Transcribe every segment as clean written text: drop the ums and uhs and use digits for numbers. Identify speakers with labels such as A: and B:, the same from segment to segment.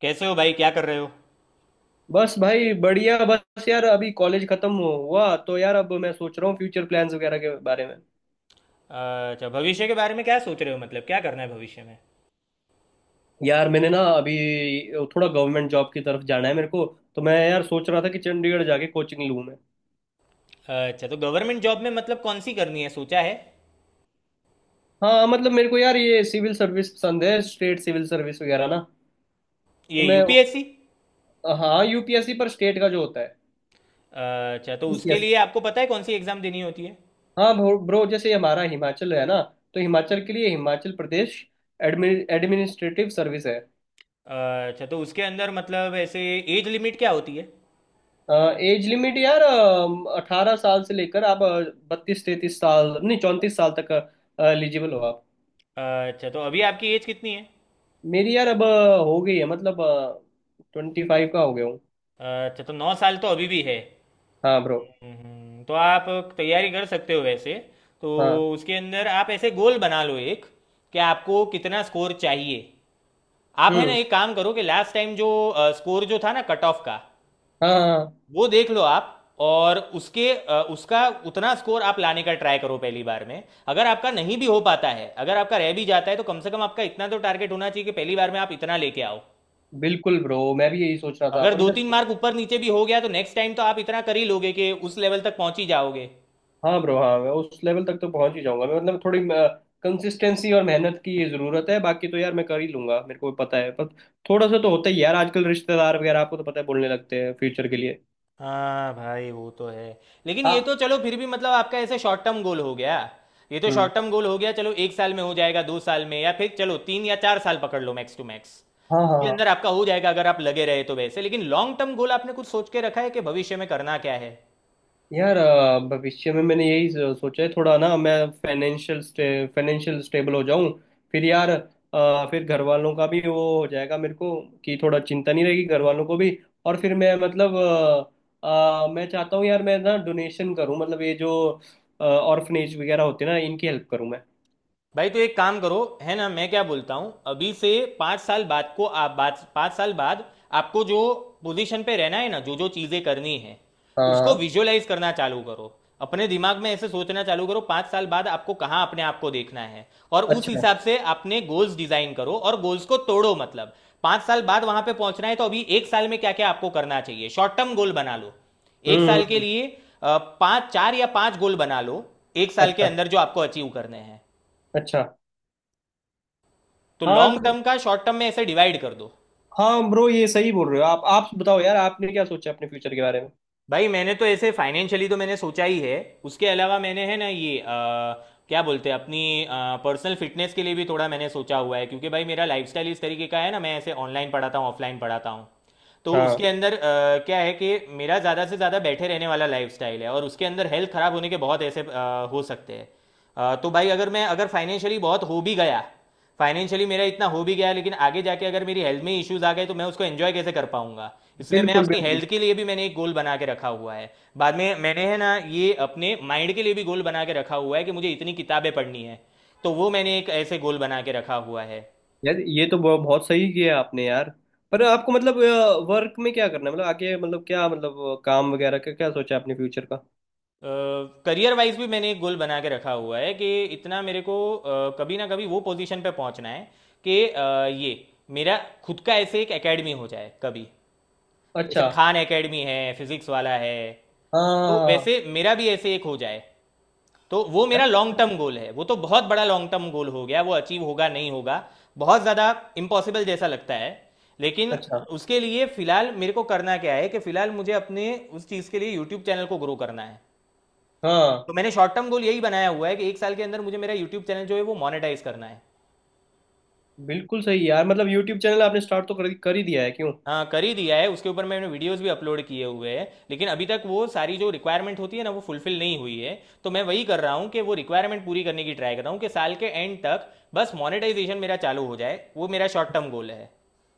A: कैसे हो भाई क्या कर रहे हो।
B: बस भाई बढ़िया। बस यार अभी कॉलेज खत्म हुआ तो यार अब मैं सोच रहा हूँ फ्यूचर प्लान्स वगैरह के बारे में।
A: अच्छा भविष्य के बारे में क्या सोच रहे हो मतलब क्या करना है भविष्य में।
B: यार मैंने ना अभी थोड़ा गवर्नमेंट जॉब की तरफ जाना है मेरे को। तो मैं यार सोच रहा था कि चंडीगढ़ जाके कोचिंग लूँ मैं।
A: अच्छा तो गवर्नमेंट जॉब में मतलब कौन सी करनी है सोचा है।
B: हाँ मतलब मेरे को यार ये सिविल सर्विस पसंद है, स्टेट सिविल सर्विस वगैरह ना। तो
A: ये
B: मैं
A: यूपीएससी।
B: हाँ यूपीएससी पर स्टेट का जो होता है।
A: अच्छा तो उसके
B: यस।
A: लिए आपको पता है कौन सी एग्ज़ाम देनी होती है।
B: हाँ ब्रो, जैसे हमारा हिमाचल है ना, तो हिमाचल के लिए हिमाचल प्रदेश एडमिनिस्ट्रेटिव सर्विस है।
A: अच्छा तो उसके अंदर मतलब ऐसे एज लिमिट क्या होती है।
B: एज लिमिट यार 18 साल से लेकर आप 32 33 साल नहीं 34 साल तक एलिजिबल हो आप।
A: अच्छा तो अभी आपकी एज कितनी है।
B: मेरी यार अब हो गई है मतलब 25 का हो गया हूँ।
A: अच्छा तो 9 साल तो अभी भी है।
B: हाँ ब्रो।
A: तो आप तैयारी कर सकते हो वैसे। तो
B: हाँ।
A: उसके अंदर आप ऐसे गोल बना लो एक, कि आपको कितना स्कोर चाहिए। आप है ना
B: हम्म।
A: एक काम करो कि लास्ट टाइम जो स्कोर जो था ना कट ऑफ का
B: हाँ हाँ हाँ।
A: वो देख लो आप। और उसके उसका उतना स्कोर आप लाने का ट्राई करो पहली बार में। अगर आपका नहीं भी हो पाता है अगर आपका रह भी जाता है तो कम से कम आपका इतना तो टारगेट होना चाहिए कि पहली बार में आप इतना लेके आओ।
B: बिल्कुल ब्रो मैं भी यही सोच रहा था
A: अगर
B: पर
A: दो
B: मैं
A: तीन मार्क ऊपर नीचे भी हो गया तो नेक्स्ट टाइम तो आप इतना कर ही लोगे कि उस लेवल तक पहुंच ही जाओगे।
B: हाँ ब्रो हाँ मैं उस लेवल तक तो पहुंच ही जाऊंगा। मैं मतलब थोड़ी कंसिस्टेंसी और मेहनत की ये जरूरत है, बाकी तो यार मैं कर ही लूंगा, मेरे को भी पता है। पर थोड़ा सा तो होता ही है यार, आजकल रिश्तेदार वगैरह आपको तो पता है बोलने लगते हैं फ्यूचर के लिए।
A: हाँ भाई वो तो है। लेकिन ये तो
B: हाँ।
A: चलो फिर भी मतलब आपका ऐसे शॉर्ट टर्म गोल हो गया। ये तो
B: हम्म।
A: शॉर्ट टर्म गोल हो गया चलो एक साल में हो जाएगा 2 साल में या फिर चलो 3 या 4 साल पकड़ लो मैक्स टू मैक्स।
B: हाँ हाँ
A: उसके
B: हाँ।
A: अंदर आपका हो जाएगा अगर आप लगे रहे तो वैसे। लेकिन लॉन्ग टर्म गोल आपने कुछ सोच के रखा है कि भविष्य में करना क्या है।
B: यार भविष्य में मैंने यही सोचा है थोड़ा ना। मैं फाइनेंशियल स्टेबल हो जाऊं फिर यार। फिर घर वालों का भी वो हो जाएगा मेरे को कि थोड़ा चिंता नहीं रहेगी घर वालों को भी। और फिर मैं मतलब मैं चाहता हूँ यार, मैं ना डोनेशन करूँ, मतलब ये जो ऑर्फनेज वगैरह होते हैं ना इनकी हेल्प करूँ मैं।
A: भाई तो एक काम करो है ना। मैं क्या बोलता हूँ अभी से 5 साल बाद को आप बाद 5 साल बाद आपको जो पोजीशन पे रहना है ना जो जो चीज़ें करनी है उसको
B: हाँ।
A: विजुअलाइज करना चालू करो। अपने दिमाग में ऐसे सोचना चालू करो 5 साल बाद आपको कहाँ अपने आप को देखना है और उस
B: अच्छा।
A: हिसाब से अपने गोल्स डिजाइन करो और गोल्स को तोड़ो मतलब। 5 साल बाद वहां पे पहुंचना है तो अभी एक साल में क्या क्या आपको करना चाहिए शॉर्ट टर्म गोल बना लो एक
B: हम्म,
A: साल के लिए। पाँच चार या पाँच गोल बना लो एक साल के
B: अच्छा।
A: अंदर जो आपको अचीव करने हैं।
B: अच्छा।
A: तो
B: हाँ
A: लॉन्ग
B: तो
A: टर्म का शॉर्ट टर्म में ऐसे डिवाइड कर दो।
B: हाँ ब्रो, ये सही बोल रहे हो आप। आप बताओ यार, आपने क्या सोचा अपने फ्यूचर के बारे में?
A: भाई मैंने तो ऐसे फाइनेंशियली तो मैंने सोचा ही है। उसके अलावा मैंने है ना ये क्या बोलते हैं अपनी पर्सनल फिटनेस के लिए भी थोड़ा मैंने सोचा हुआ है क्योंकि भाई मेरा लाइफस्टाइल इस तरीके का है ना मैं ऐसे ऑनलाइन पढ़ाता हूँ ऑफलाइन पढ़ाता हूँ। तो
B: हाँ।
A: उसके अंदर क्या है कि मेरा ज़्यादा से ज़्यादा बैठे रहने वाला लाइफस्टाइल है और उसके अंदर हेल्थ ख़राब होने के बहुत ऐसे हो सकते हैं। तो भाई अगर मैं अगर फाइनेंशियली बहुत हो भी गया फाइनेंशियली मेरा इतना हो भी गया लेकिन आगे जाके अगर मेरी हेल्थ में इश्यूज आ गए तो मैं उसको एंजॉय कैसे कर पाऊंगा। इसलिए मैं
B: बिल्कुल
A: अपनी
B: बिल्कुल।
A: हेल्थ के लिए भी मैंने एक गोल बना के रखा हुआ है। बाद में मैंने है ना ये अपने माइंड के लिए भी गोल बना के रखा हुआ है कि मुझे इतनी किताबें पढ़नी है। तो वो मैंने एक ऐसे गोल बना के रखा हुआ है।
B: यार ये तो बहुत सही किया आपने यार। पर आपको मतलब वर्क में क्या करना है मतलब आगे, मतलब क्या, मतलब काम वगैरह का क्या सोचा है आपने फ्यूचर का?
A: करियर वाइज भी मैंने एक गोल बना के रखा हुआ है कि इतना मेरे को कभी ना कभी वो पोजीशन पे पहुंचना है कि ये मेरा खुद का ऐसे एक एकेडमी हो जाए कभी।
B: अच्छा।
A: जैसे खान एकेडमी है फिजिक्स वाला है तो
B: हाँ।
A: वैसे मेरा भी ऐसे एक हो जाए। तो वो मेरा लॉन्ग टर्म गोल है वो तो बहुत बड़ा लॉन्ग टर्म गोल हो गया वो अचीव होगा नहीं होगा बहुत ज़्यादा इम्पॉसिबल जैसा लगता है। लेकिन
B: अच्छा।
A: उसके लिए फिलहाल मेरे को करना क्या है कि फिलहाल मुझे अपने उस चीज़ के लिए यूट्यूब चैनल को ग्रो करना है।
B: हाँ
A: तो मैंने शॉर्ट टर्म गोल यही बनाया हुआ है कि एक साल के अंदर मुझे मेरा यूट्यूब चैनल जो है वो मोनेटाइज करना है।
B: बिल्कुल सही यार, मतलब यूट्यूब चैनल आपने स्टार्ट तो कर ही दिया है क्यों?
A: हाँ कर ही दिया है उसके ऊपर मैंने वीडियोस भी अपलोड किए हुए हैं लेकिन अभी तक वो सारी जो रिक्वायरमेंट होती है ना वो फुलफिल नहीं हुई है। तो मैं वही कर रहा हूँ कि वो रिक्वायरमेंट पूरी करने की ट्राई कर रहा हूँ कि साल के एंड तक बस मोनेटाइजेशन मेरा चालू हो जाए वो मेरा शॉर्ट टर्म गोल है।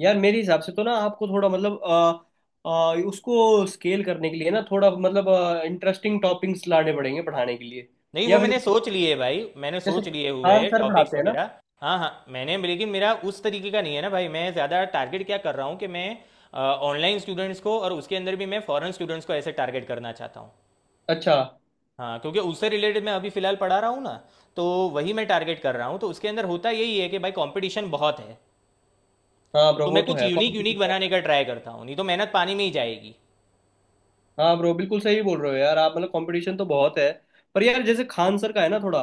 B: यार मेरे हिसाब से तो ना आपको थोड़ा मतलब उसको स्केल करने के लिए ना थोड़ा मतलब इंटरेस्टिंग टॉपिक्स लाने पड़ेंगे पढ़ाने के लिए।
A: नहीं वो
B: या फिर
A: मैंने सोच लिए भाई मैंने
B: जैसे
A: सोच लिए
B: खान
A: हुए
B: सर
A: टॉपिक्स
B: पढ़ाते हैं ना।
A: वगैरह। हाँ हाँ मैंने लेकिन मेरा उस तरीके का नहीं है ना भाई मैं ज़्यादा टारगेट क्या कर रहा हूँ कि मैं ऑनलाइन स्टूडेंट्स को और उसके अंदर भी मैं फॉरेन स्टूडेंट्स को ऐसे टारगेट करना चाहता हूँ।
B: अच्छा।
A: हाँ क्योंकि उससे रिलेटेड मैं अभी फ़िलहाल पढ़ा रहा हूँ ना तो वही मैं टारगेट कर रहा हूँ तो उसके अंदर होता यही है कि भाई कंपटीशन बहुत है।
B: हाँ ब्रो,
A: तो मैं
B: वो तो
A: कुछ
B: है
A: यूनिक
B: कॉमेडी।
A: यूनिक बनाने का ट्राई करता हूँ नहीं तो मेहनत पानी में ही जाएगी।
B: हाँ ब्रो बिल्कुल सही बोल रहे हो यार आप, मतलब कंपटीशन तो बहुत है। पर यार जैसे खान सर का है ना थोड़ा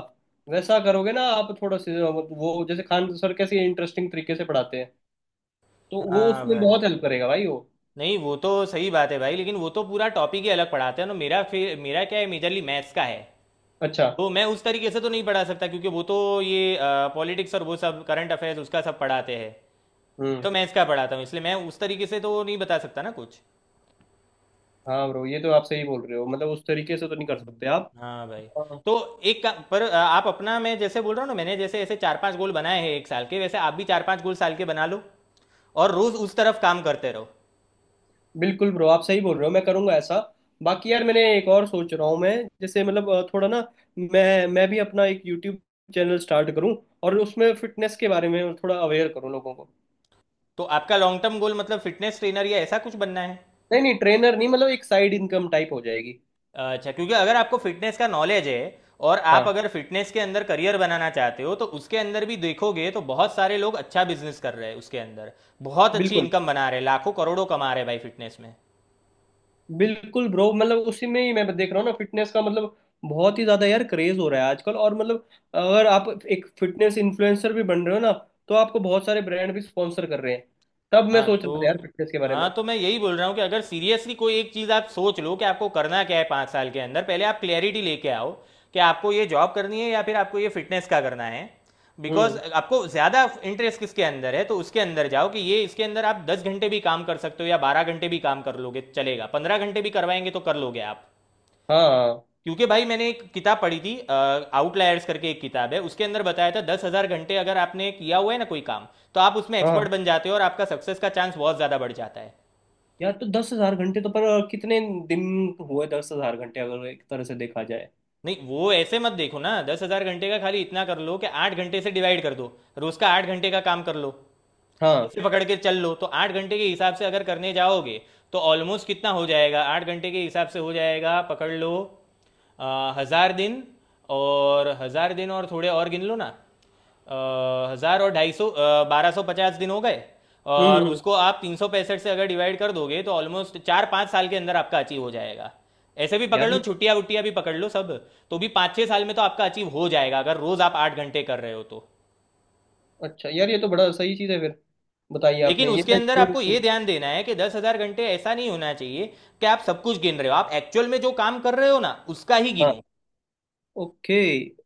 B: वैसा करोगे ना आप, थोड़ा से वो जैसे खान सर कैसे इंटरेस्टिंग तरीके से पढ़ाते हैं, तो वो
A: हाँ
B: उसमें
A: भाई।
B: बहुत हेल्प करेगा भाई वो।
A: नहीं वो तो सही बात है भाई लेकिन वो तो पूरा टॉपिक ही अलग पढ़ाते हैं ना मेरा फिर मेरा क्या है मेजरली मैथ्स का है।
B: अच्छा।
A: तो मैं उस तरीके से तो नहीं पढ़ा सकता क्योंकि वो तो ये पॉलिटिक्स और वो सब करंट अफेयर्स उसका सब पढ़ाते हैं।
B: हम्म।
A: तो मैं इसका पढ़ाता हूँ इसलिए मैं उस तरीके से तो नहीं बता सकता ना कुछ।
B: हाँ ब्रो, ये तो आप सही बोल रहे हो, मतलब उस तरीके से तो नहीं कर सकते आप।
A: हम्म। हाँ भाई।
B: हाँ,
A: तो पर आप अपना मैं जैसे बोल रहा हूँ ना मैंने जैसे ऐसे चार पांच गोल बनाए हैं एक साल के वैसे आप भी चार पांच गोल साल के बना लो और रोज उस तरफ काम करते रहो।
B: बिल्कुल ब्रो, आप सही बोल रहे हो, मैं करूंगा ऐसा। बाकी यार मैंने एक और सोच रहा हूँ मैं, जैसे मतलब थोड़ा ना। मैं भी अपना एक यूट्यूब चैनल स्टार्ट करूँ और उसमें फिटनेस के बारे में थोड़ा अवेयर करूँ लोगों को।
A: तो आपका लॉन्ग टर्म गोल मतलब फिटनेस ट्रेनर या ऐसा कुछ बनना है।
B: नहीं नहीं ट्रेनर नहीं, मतलब एक साइड इनकम टाइप हो जाएगी।
A: अच्छा क्योंकि अगर आपको फिटनेस का नॉलेज है और
B: हाँ।
A: आप अगर फिटनेस के अंदर करियर बनाना चाहते हो तो उसके अंदर भी देखोगे तो बहुत सारे लोग अच्छा बिजनेस कर रहे हैं उसके अंदर। बहुत अच्छी
B: बिल्कुल
A: इनकम बना रहे हैं लाखों करोड़ों कमा रहे हैं भाई फिटनेस में।
B: बिल्कुल ब्रो, मतलब उसी में ही मैं देख रहा हूँ ना फिटनेस का, मतलब बहुत ही ज्यादा यार क्रेज हो रहा है आजकल। और मतलब अगर आप एक फिटनेस इन्फ्लुएंसर भी बन रहे हो ना, तो आपको बहुत सारे ब्रांड भी स्पॉन्सर कर रहे हैं। तब मैं
A: हाँ
B: सोच
A: तो
B: रहा था यार फिटनेस के बारे
A: हाँ
B: में।
A: तो मैं यही बोल रहा हूँ कि अगर सीरियसली कोई एक चीज़ आप सोच लो कि आपको करना क्या है 5 साल के अंदर पहले आप क्लैरिटी लेके आओ। कि आपको ये जॉब करनी है या फिर आपको ये फिटनेस का करना है। बिकॉज
B: हम्म।
A: आपको ज़्यादा इंटरेस्ट किसके अंदर है तो उसके अंदर जाओ कि ये इसके अंदर आप 10 घंटे भी काम कर सकते हो या 12 घंटे भी काम कर लोगे चलेगा 15 घंटे भी करवाएंगे तो कर लोगे आप।
B: हाँ।
A: क्योंकि भाई मैंने एक किताब पढ़ी थी आउटलायर्स करके एक किताब है उसके अंदर बताया था 10,000 घंटे अगर आपने किया हुआ है ना कोई काम। तो आप उसमें एक्सपर्ट
B: हाँ
A: बन जाते हो और आपका सक्सेस का चांस बहुत ज्यादा बढ़ जाता है।
B: यार तो 10,000 घंटे तो पर कितने दिन हुए 10,000 घंटे अगर एक तरह से देखा जाए?
A: नहीं वो ऐसे मत देखो ना 10,000 घंटे का खाली इतना कर लो कि 8 घंटे से डिवाइड कर दो। रोज का 8 घंटे का काम कर लो
B: हाँ।
A: ऐसे पकड़ के चल लो तो 8 घंटे के हिसाब से अगर करने जाओगे तो ऑलमोस्ट कितना हो जाएगा 8 घंटे के हिसाब से हो जाएगा पकड़ लो। 1,000 दिन और 1,000 दिन और थोड़े और गिन लो ना 1,000 और 250 1,250 दिन हो गए।
B: हम्म
A: और
B: हम्म,
A: उसको आप 365 से अगर डिवाइड कर दोगे तो ऑलमोस्ट 4 5 साल के अंदर आपका अचीव हो जाएगा। ऐसे भी पकड़
B: यार
A: लो
B: ये
A: छुट्टियां वुट्टियां भी पकड़ लो सब। तो भी 5 6 साल में तो आपका अचीव हो जाएगा अगर रोज आप 8 घंटे कर रहे हो तो।
B: अच्छा यार ये तो बड़ा सही चीज है फिर। बताइए
A: लेकिन
B: आपने ये
A: उसके अंदर आपको ये ध्यान देना है कि 10,000 घंटे ऐसा नहीं होना चाहिए कि आप सब कुछ गिन रहे हो। आप एक्चुअल में जो काम कर रहे हो ना उसका ही गिनो।
B: ओके।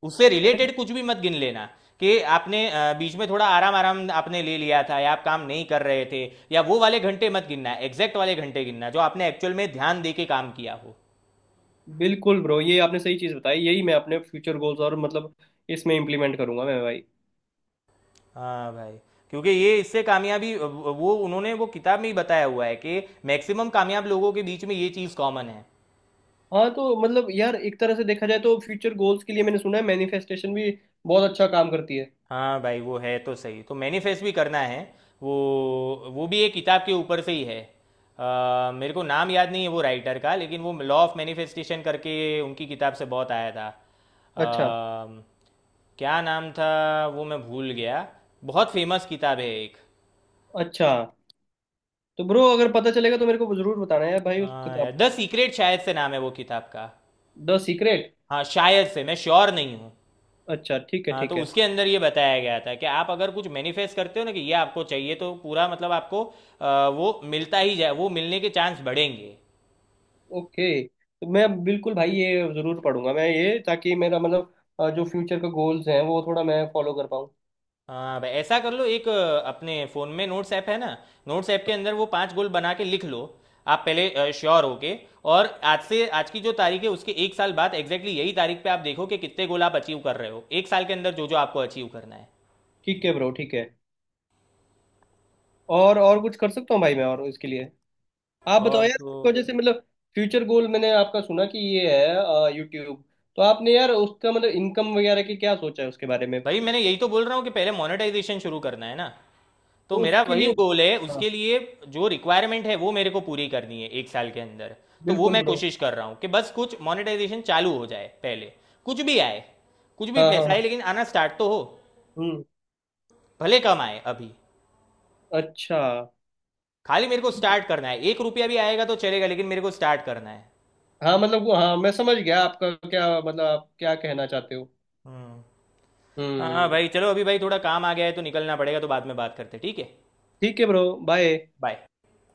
A: उससे रिलेटेड कुछ भी मत गिन लेना कि आपने बीच में थोड़ा आराम आराम आपने ले लिया था या आप काम नहीं कर रहे थे। या वो वाले घंटे मत गिनना एग्जैक्ट वाले घंटे गिनना जो आपने एक्चुअल में ध्यान दे के काम किया हो।
B: बिल्कुल ब्रो, ये आपने सही चीज़ बताई। यही मैं अपने फ्यूचर गोल्स और मतलब इसमें इम्प्लीमेंट करूंगा मैं भाई।
A: हाँ भाई। क्योंकि ये इससे कामयाबी वो उन्होंने वो किताब में ही बताया हुआ है कि मैक्सिमम कामयाब लोगों के बीच में ये चीज़ कॉमन है।
B: हाँ तो मतलब यार एक तरह से देखा जाए तो फ्यूचर गोल्स के लिए मैंने सुना है मैनिफेस्टेशन भी बहुत अच्छा काम करती है।
A: हाँ भाई वो है तो सही तो मैनिफेस्ट भी करना है। वो वो भी एक किताब के ऊपर से ही है। मेरे को नाम याद नहीं है वो राइटर का लेकिन वो लॉ ऑफ मैनिफेस्टेशन करके उनकी किताब से बहुत आया था।
B: अच्छा।
A: क्या नाम था वो मैं भूल गया। बहुत फेमस किताब है एक।
B: अच्छा तो ब्रो अगर पता चलेगा तो मेरे को जरूर बताना है भाई उस किताब का।
A: द सीक्रेट शायद से नाम है वो किताब का।
B: The secret.
A: हाँ शायद से मैं श्योर नहीं हूँ।
B: अच्छा, ठीक है
A: हाँ तो
B: ठीक है।
A: उसके अंदर ये बताया गया था कि आप अगर कुछ मैनिफेस्ट करते हो ना कि ये आपको चाहिए तो पूरा मतलब आपको वो मिलता ही जाए वो मिलने के चांस बढ़ेंगे।
B: ओके तो मैं बिल्कुल भाई ये जरूर पढ़ूंगा मैं ये, ताकि मेरा मतलब जो फ्यूचर का गोल्स हैं वो थोड़ा मैं फॉलो कर पाऊँ।
A: हाँ भाई ऐसा कर लो एक अपने फ़ोन में नोट्स ऐप है ना। नोट्स ऐप के अंदर वो पांच गोल बना के लिख लो आप पहले श्योर होके। और आज से आज की जो तारीख है उसके एक साल बाद एग्जैक्टली यही तारीख पे आप देखो कि कितने गोल आप अचीव कर रहे हो एक साल के अंदर जो जो आपको अचीव करना है।
B: ठीक है ब्रो। ठीक है। और कुछ कर सकता हूँ भाई मैं और इसके लिए? आप बताओ
A: और
B: यार,
A: तो।
B: आपको जैसे मतलब फ्यूचर गोल मैंने आपका सुना कि ये है यूट्यूब, तो आपने यार उसका मतलब इनकम वगैरह की क्या सोचा है उसके बारे में
A: भाई
B: तो?
A: मैंने यही तो बोल रहा हूँ कि पहले मोनेटाइजेशन शुरू करना है ना तो मेरा
B: उसके
A: वही
B: लिए
A: गोल है
B: हाँ
A: उसके लिए। जो रिक्वायरमेंट है वो मेरे को पूरी करनी है एक साल के अंदर। तो वो
B: बिल्कुल
A: मैं
B: ब्रो।
A: कोशिश कर रहा हूँ कि बस कुछ मोनेटाइजेशन चालू हो जाए पहले। कुछ भी आए कुछ भी
B: हाँ हाँ
A: पैसा आए
B: हाँ।
A: लेकिन आना स्टार्ट तो हो।
B: हम्म।
A: भले कम आए अभी।
B: अच्छा।
A: खाली मेरे को
B: ठीक है।
A: स्टार्ट करना है 1 रुपया भी आएगा तो चलेगा लेकिन मेरे को स्टार्ट करना है।
B: हाँ मतलब हाँ मैं समझ गया आपका क्या मतलब, आप क्या कहना चाहते हो।
A: हम्म। हाँ
B: हम्म।
A: भाई चलो अभी भाई थोड़ा काम आ गया है तो निकलना पड़ेगा तो बाद में बात करते हैं, ठीक है।
B: ठीक है ब्रो। बाय।
A: बाय।